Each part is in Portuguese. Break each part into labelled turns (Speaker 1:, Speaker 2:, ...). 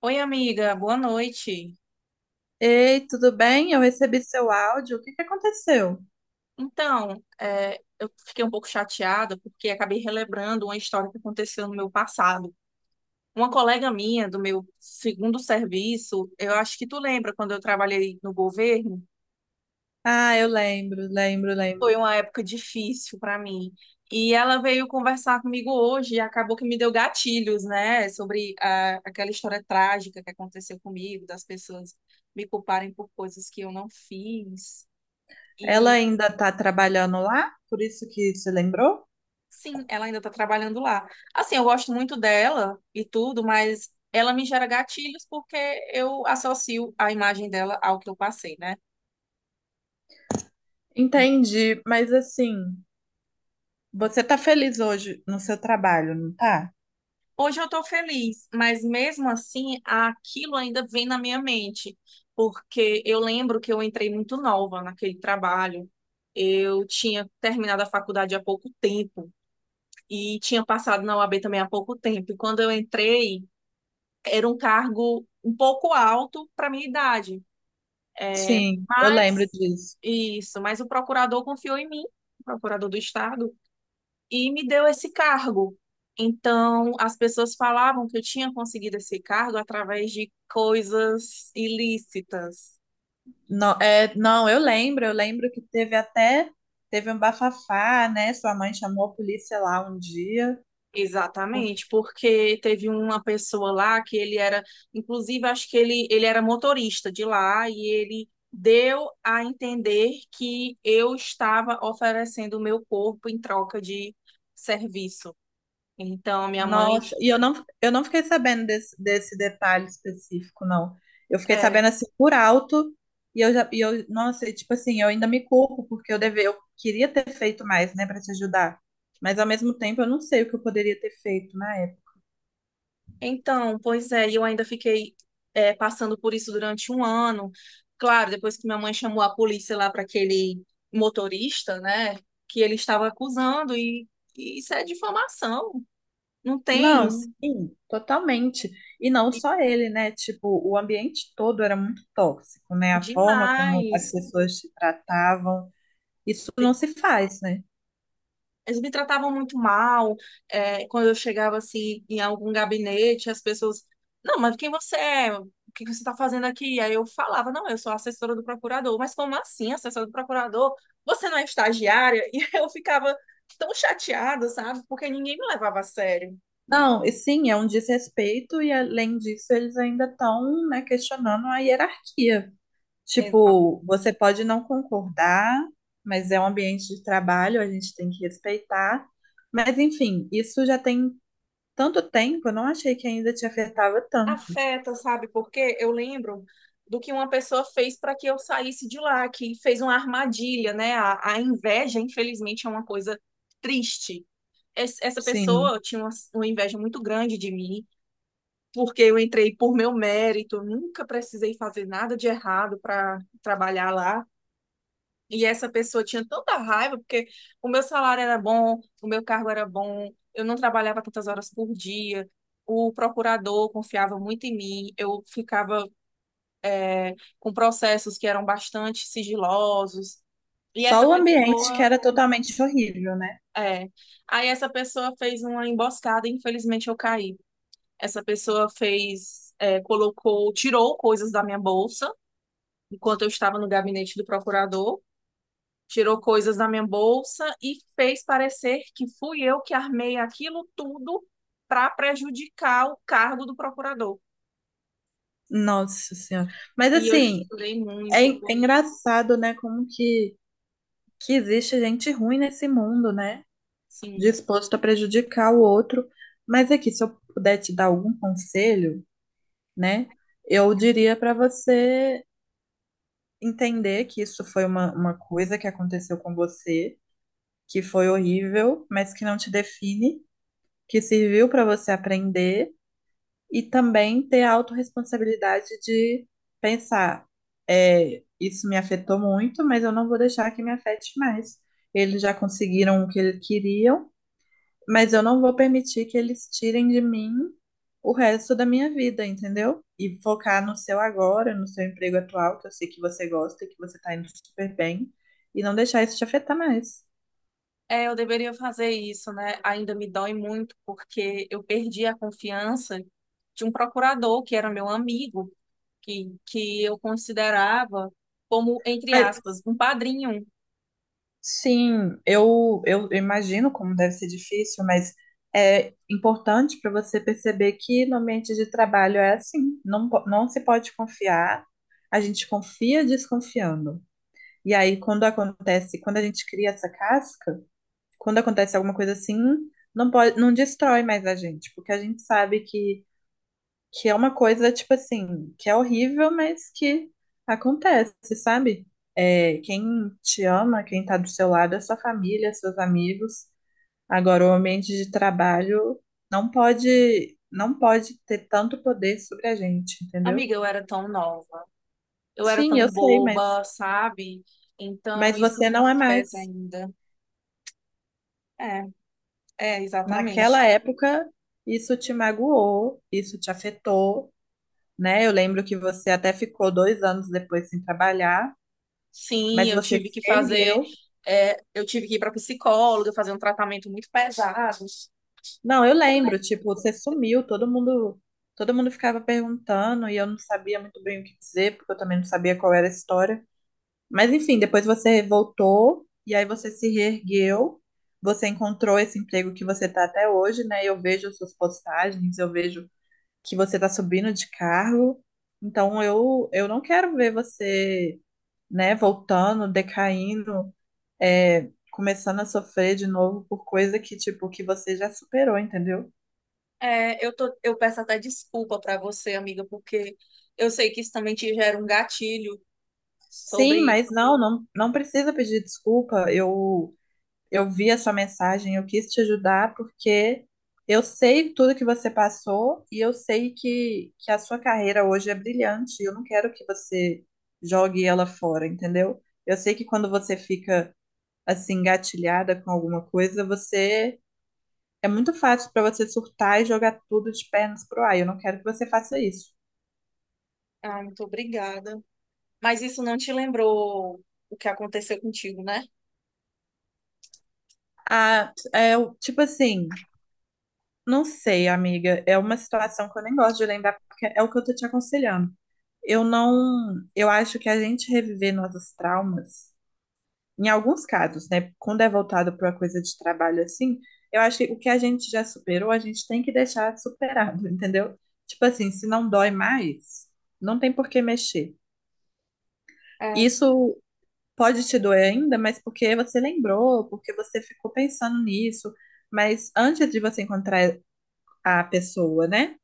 Speaker 1: Oi, amiga, boa noite.
Speaker 2: Ei, tudo bem? Eu recebi seu áudio. O que que aconteceu?
Speaker 1: Eu fiquei um pouco chateada porque acabei relembrando uma história que aconteceu no meu passado. Uma colega minha do meu segundo serviço, eu acho que tu lembra quando eu trabalhei no governo,
Speaker 2: Ah, eu lembro, lembro, lembro.
Speaker 1: foi uma época difícil para mim. E ela veio conversar comigo hoje e acabou que me deu gatilhos, né, sobre aquela história trágica que aconteceu comigo, das pessoas me culparem por coisas que eu não fiz.
Speaker 2: Ela ainda tá trabalhando lá? Por isso que se lembrou?
Speaker 1: Sim, ela ainda tá trabalhando lá. Assim, eu gosto muito dela e tudo, mas ela me gera gatilhos porque eu associo a imagem dela ao que eu passei, né?
Speaker 2: Entendi, mas assim, você tá feliz hoje no seu trabalho, não tá?
Speaker 1: Hoje eu tô feliz, mas mesmo assim, aquilo ainda vem na minha mente, porque eu lembro que eu entrei muito nova naquele trabalho. Eu tinha terminado a faculdade há pouco tempo e tinha passado na OAB também há pouco tempo. E quando eu entrei, era um cargo um pouco alto para minha idade. É,
Speaker 2: Sim, eu lembro
Speaker 1: mas,
Speaker 2: disso.
Speaker 1: isso, mas o procurador confiou em mim, o procurador do estado, e me deu esse cargo. Então, as pessoas falavam que eu tinha conseguido esse cargo através de coisas ilícitas.
Speaker 2: Não, é, não, eu lembro que teve até, teve um bafafá, né? Sua mãe chamou a polícia lá um dia.
Speaker 1: Exatamente, porque teve uma pessoa lá inclusive, acho que ele era motorista de lá e ele deu a entender que eu estava oferecendo o meu corpo em troca de serviço. Então, minha mãe.
Speaker 2: Nossa, e eu não fiquei sabendo desse detalhe específico, não. Eu fiquei
Speaker 1: É,
Speaker 2: sabendo assim por alto, e eu já, e eu, nossa, tipo assim, eu ainda me culpo, porque eu queria ter feito mais, né, pra te ajudar. Mas ao mesmo tempo eu não sei o que eu poderia ter feito na época.
Speaker 1: Pois é, e eu ainda fiquei passando por isso durante um ano. Claro, depois que minha mãe chamou a polícia lá para aquele motorista, né, que ele estava acusando, e isso é difamação. Não
Speaker 2: Não,
Speaker 1: tem.
Speaker 2: sim, totalmente. E não
Speaker 1: e-
Speaker 2: só ele, né? Tipo, o ambiente todo era muito tóxico, né? A forma como as
Speaker 1: Demais.
Speaker 2: pessoas se tratavam, isso não se faz, né?
Speaker 1: Eles me tratavam muito mal. É, quando eu chegava assim em algum gabinete, as pessoas, não, mas quem você é? O que você está fazendo aqui? Aí eu falava, não, eu sou assessora do procurador. Mas como assim, assessora do procurador? Você não é estagiária? E eu ficava tão chateada, sabe? Porque ninguém me levava a sério.
Speaker 2: Não, e sim, é um desrespeito, e além disso, eles ainda estão, né, questionando a hierarquia.
Speaker 1: Exato.
Speaker 2: Tipo, você pode não concordar, mas é um ambiente de trabalho, a gente tem que respeitar. Mas, enfim, isso já tem tanto tempo, eu não achei que ainda te afetava tanto.
Speaker 1: Afeta, sabe? Porque eu lembro do que uma pessoa fez para que eu saísse de lá, que fez uma armadilha, né? A inveja, infelizmente, é uma coisa triste. Essa
Speaker 2: Sim,
Speaker 1: pessoa tinha uma inveja muito grande de mim, porque eu entrei por meu mérito, eu nunca precisei fazer nada de errado para trabalhar lá. E essa pessoa tinha tanta raiva, porque o meu salário era bom, o meu cargo era bom, eu não trabalhava tantas horas por dia. O procurador confiava muito em mim, eu ficava com processos que eram bastante sigilosos. E
Speaker 2: só
Speaker 1: essa
Speaker 2: o ambiente que
Speaker 1: pessoa,
Speaker 2: era totalmente horrível, né?
Speaker 1: é, aí essa pessoa fez uma emboscada e infelizmente eu caí. Essa pessoa colocou, tirou coisas da minha bolsa, enquanto eu estava no gabinete do procurador, tirou coisas da minha bolsa e fez parecer que fui eu que armei aquilo tudo para prejudicar o cargo do procurador.
Speaker 2: Nossa Senhora. Mas,
Speaker 1: E eu
Speaker 2: assim,
Speaker 1: chorei muito,
Speaker 2: é
Speaker 1: porque
Speaker 2: engraçado, né, que existe gente ruim nesse mundo, né?
Speaker 1: assim,
Speaker 2: Disposto a prejudicar o outro. Mas aqui, se eu puder te dar algum conselho, né, eu diria para você entender que isso foi uma coisa que aconteceu com você, que foi horrível, mas que não te define, que serviu para você aprender e também ter a autorresponsabilidade de pensar, isso me afetou muito, mas eu não vou deixar que me afete mais. Eles já conseguiram o que eles queriam. Eu não vou permitir que eles tirem de mim o resto da minha vida, entendeu? E focar no seu agora, no seu emprego atual, que eu sei que você gosta, que você tá indo super bem, e não deixar isso te afetar mais.
Speaker 1: eu deveria fazer isso, né? Ainda me dói muito, porque eu perdi a confiança de um procurador que era meu amigo que eu considerava como, entre
Speaker 2: Mas,
Speaker 1: aspas, um padrinho.
Speaker 2: sim, eu imagino como deve ser difícil, mas é importante para você perceber que no ambiente de trabalho é assim, não, não se pode confiar, a gente confia desconfiando. E aí, quando acontece, quando a gente cria essa casca, quando acontece alguma coisa assim, não destrói mais a gente, porque a gente sabe que é uma coisa, tipo assim, que é horrível, mas que acontece, sabe? É, quem te ama, quem tá do seu lado é sua família, seus amigos. Agora, o ambiente de trabalho não pode ter tanto poder sobre a gente, entendeu?
Speaker 1: Amiga, eu era tão nova, eu era
Speaker 2: Sim, eu
Speaker 1: tão
Speaker 2: sei, mas,
Speaker 1: boba, sabe? Então
Speaker 2: mas
Speaker 1: isso
Speaker 2: você
Speaker 1: me
Speaker 2: não é
Speaker 1: afeta
Speaker 2: mais.
Speaker 1: ainda. É, é,
Speaker 2: Naquela
Speaker 1: exatamente.
Speaker 2: época, isso te magoou, isso te afetou, né? Eu lembro que você até ficou 2 anos depois sem trabalhar,
Speaker 1: Sim,
Speaker 2: mas
Speaker 1: eu
Speaker 2: você se
Speaker 1: tive que
Speaker 2: ergueu.
Speaker 1: eu tive que ir para psicóloga, fazer um tratamento muito pesado.
Speaker 2: Não, eu lembro, tipo, você sumiu, todo mundo ficava perguntando e eu não sabia muito bem o que dizer, porque eu também não sabia qual era a história. Mas enfim, depois você voltou e aí você se reergueu, você encontrou esse emprego que você tá até hoje, né? Eu vejo suas postagens, eu vejo que você tá subindo de cargo. Então eu não quero ver você, né, voltando, decaindo, começando a sofrer de novo por coisa que, tipo, que você já superou, entendeu?
Speaker 1: Eu peço até desculpa para você, amiga, porque eu sei que isso também te gera um gatilho
Speaker 2: Sim,
Speaker 1: sobre.
Speaker 2: mas não, não, não precisa pedir desculpa. Eu vi a sua mensagem, eu quis te ajudar porque eu sei tudo que você passou e eu sei que a sua carreira hoje é brilhante. E eu não quero que você jogue ela fora, entendeu? Eu sei que quando você fica assim, engatilhada com alguma coisa, você é muito fácil pra você surtar e jogar tudo de pernas pro ar. Eu não quero que você faça isso.
Speaker 1: Ah, muito obrigada. Mas isso não te lembrou o que aconteceu contigo, né?
Speaker 2: Ah, tipo assim, não sei, amiga. É uma situação que eu nem gosto de lembrar, porque é o que eu tô te aconselhando. Eu não, eu acho que a gente reviver nossos traumas, em alguns casos, né? Quando é voltado para uma coisa de trabalho assim, eu acho que o que a gente já superou, a gente tem que deixar superado, entendeu? Tipo assim, se não dói mais, não tem por que mexer.
Speaker 1: É.
Speaker 2: Isso pode te doer ainda, mas porque você lembrou, porque você ficou pensando nisso. Mas antes de você encontrar a pessoa, né?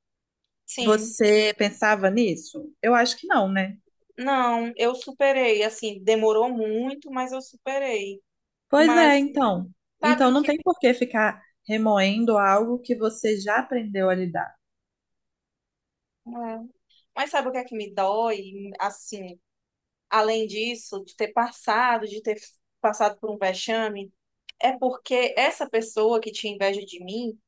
Speaker 1: Sim.
Speaker 2: Você pensava nisso? Eu acho que não, né?
Speaker 1: Não, eu superei. Assim, demorou muito, mas eu superei.
Speaker 2: Pois é,
Speaker 1: Mas
Speaker 2: então.
Speaker 1: sabe
Speaker 2: Então
Speaker 1: o
Speaker 2: não
Speaker 1: que?
Speaker 2: tem por que ficar remoendo algo que você já aprendeu a lidar.
Speaker 1: É. Mas sabe o que é que me dói? Assim, além disso, de ter passado por um vexame, é porque essa pessoa que tinha inveja de mim,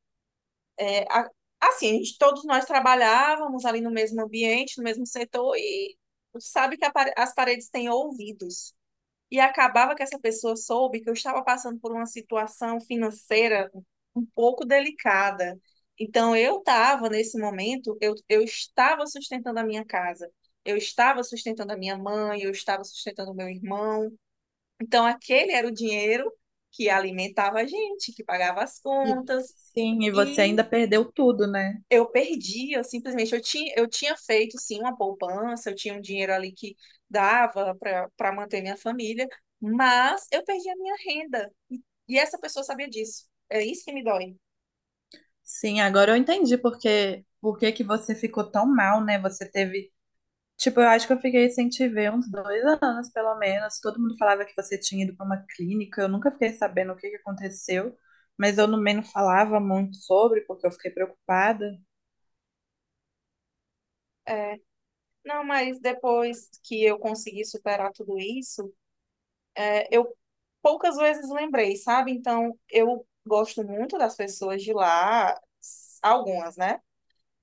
Speaker 1: é, a- assim, todos nós trabalhávamos ali no mesmo ambiente, no mesmo setor, e sabe que as paredes têm ouvidos. E acabava que essa pessoa soube que eu estava passando por uma situação financeira um pouco delicada. Então, eu estava, nesse momento, eu estava sustentando a minha casa, eu estava sustentando a minha mãe, eu estava sustentando o meu irmão. Então, aquele era o dinheiro que alimentava a gente, que pagava as contas.
Speaker 2: Sim, e você
Speaker 1: E
Speaker 2: ainda perdeu tudo, né?
Speaker 1: eu perdi, eu simplesmente eu tinha feito sim uma poupança, eu tinha um dinheiro ali que dava para manter minha família, mas eu perdi a minha renda. E essa pessoa sabia disso. É isso que me dói.
Speaker 2: Sim, agora eu entendi por que que você ficou tão mal, né? Você teve Tipo, eu acho que eu fiquei sem te ver uns 2 anos, pelo menos. Todo mundo falava que você tinha ido para uma clínica. Eu nunca fiquei sabendo o que que aconteceu, mas eu também não falava muito sobre, porque eu fiquei preocupada.
Speaker 1: É, não, mas depois que eu consegui superar tudo isso, eu poucas vezes lembrei, sabe? Então, eu gosto muito das pessoas de lá, algumas, né?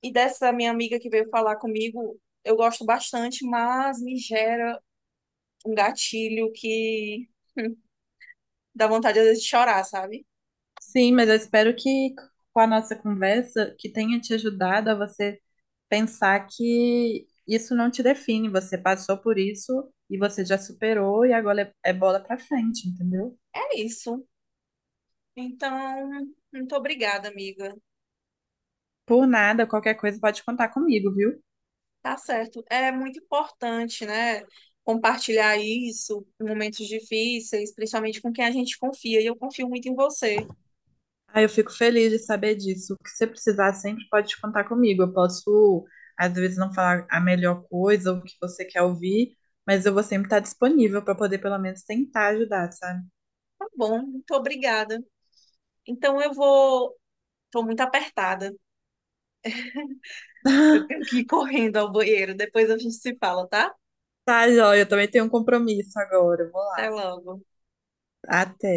Speaker 1: E dessa minha amiga que veio falar comigo, eu gosto bastante, mas me gera um gatilho que hum, dá vontade às vezes de chorar, sabe?
Speaker 2: Sim, mas eu espero que com a nossa conversa, que tenha te ajudado a você pensar que isso não te define. Você passou por isso e você já superou e agora é bola para frente, entendeu?
Speaker 1: É isso. Então, muito obrigada, amiga.
Speaker 2: Por nada, qualquer coisa pode contar comigo, viu?
Speaker 1: Tá certo. É muito importante, né? Compartilhar isso em momentos difíceis, principalmente com quem a gente confia. E eu confio muito em você.
Speaker 2: Ah, eu fico feliz de saber disso. O que você precisar sempre pode contar comigo. Eu posso, às vezes, não falar a melhor coisa ou o que você quer ouvir, mas eu vou sempre estar disponível para poder, pelo menos, tentar ajudar, sabe?
Speaker 1: Tá bom, muito obrigada. Então eu vou. Tô muito apertada. Eu tenho que ir correndo ao banheiro. Depois a gente se fala, tá?
Speaker 2: Tá, joia, eu também tenho um compromisso agora. Eu vou
Speaker 1: Até
Speaker 2: lá.
Speaker 1: logo.
Speaker 2: Até.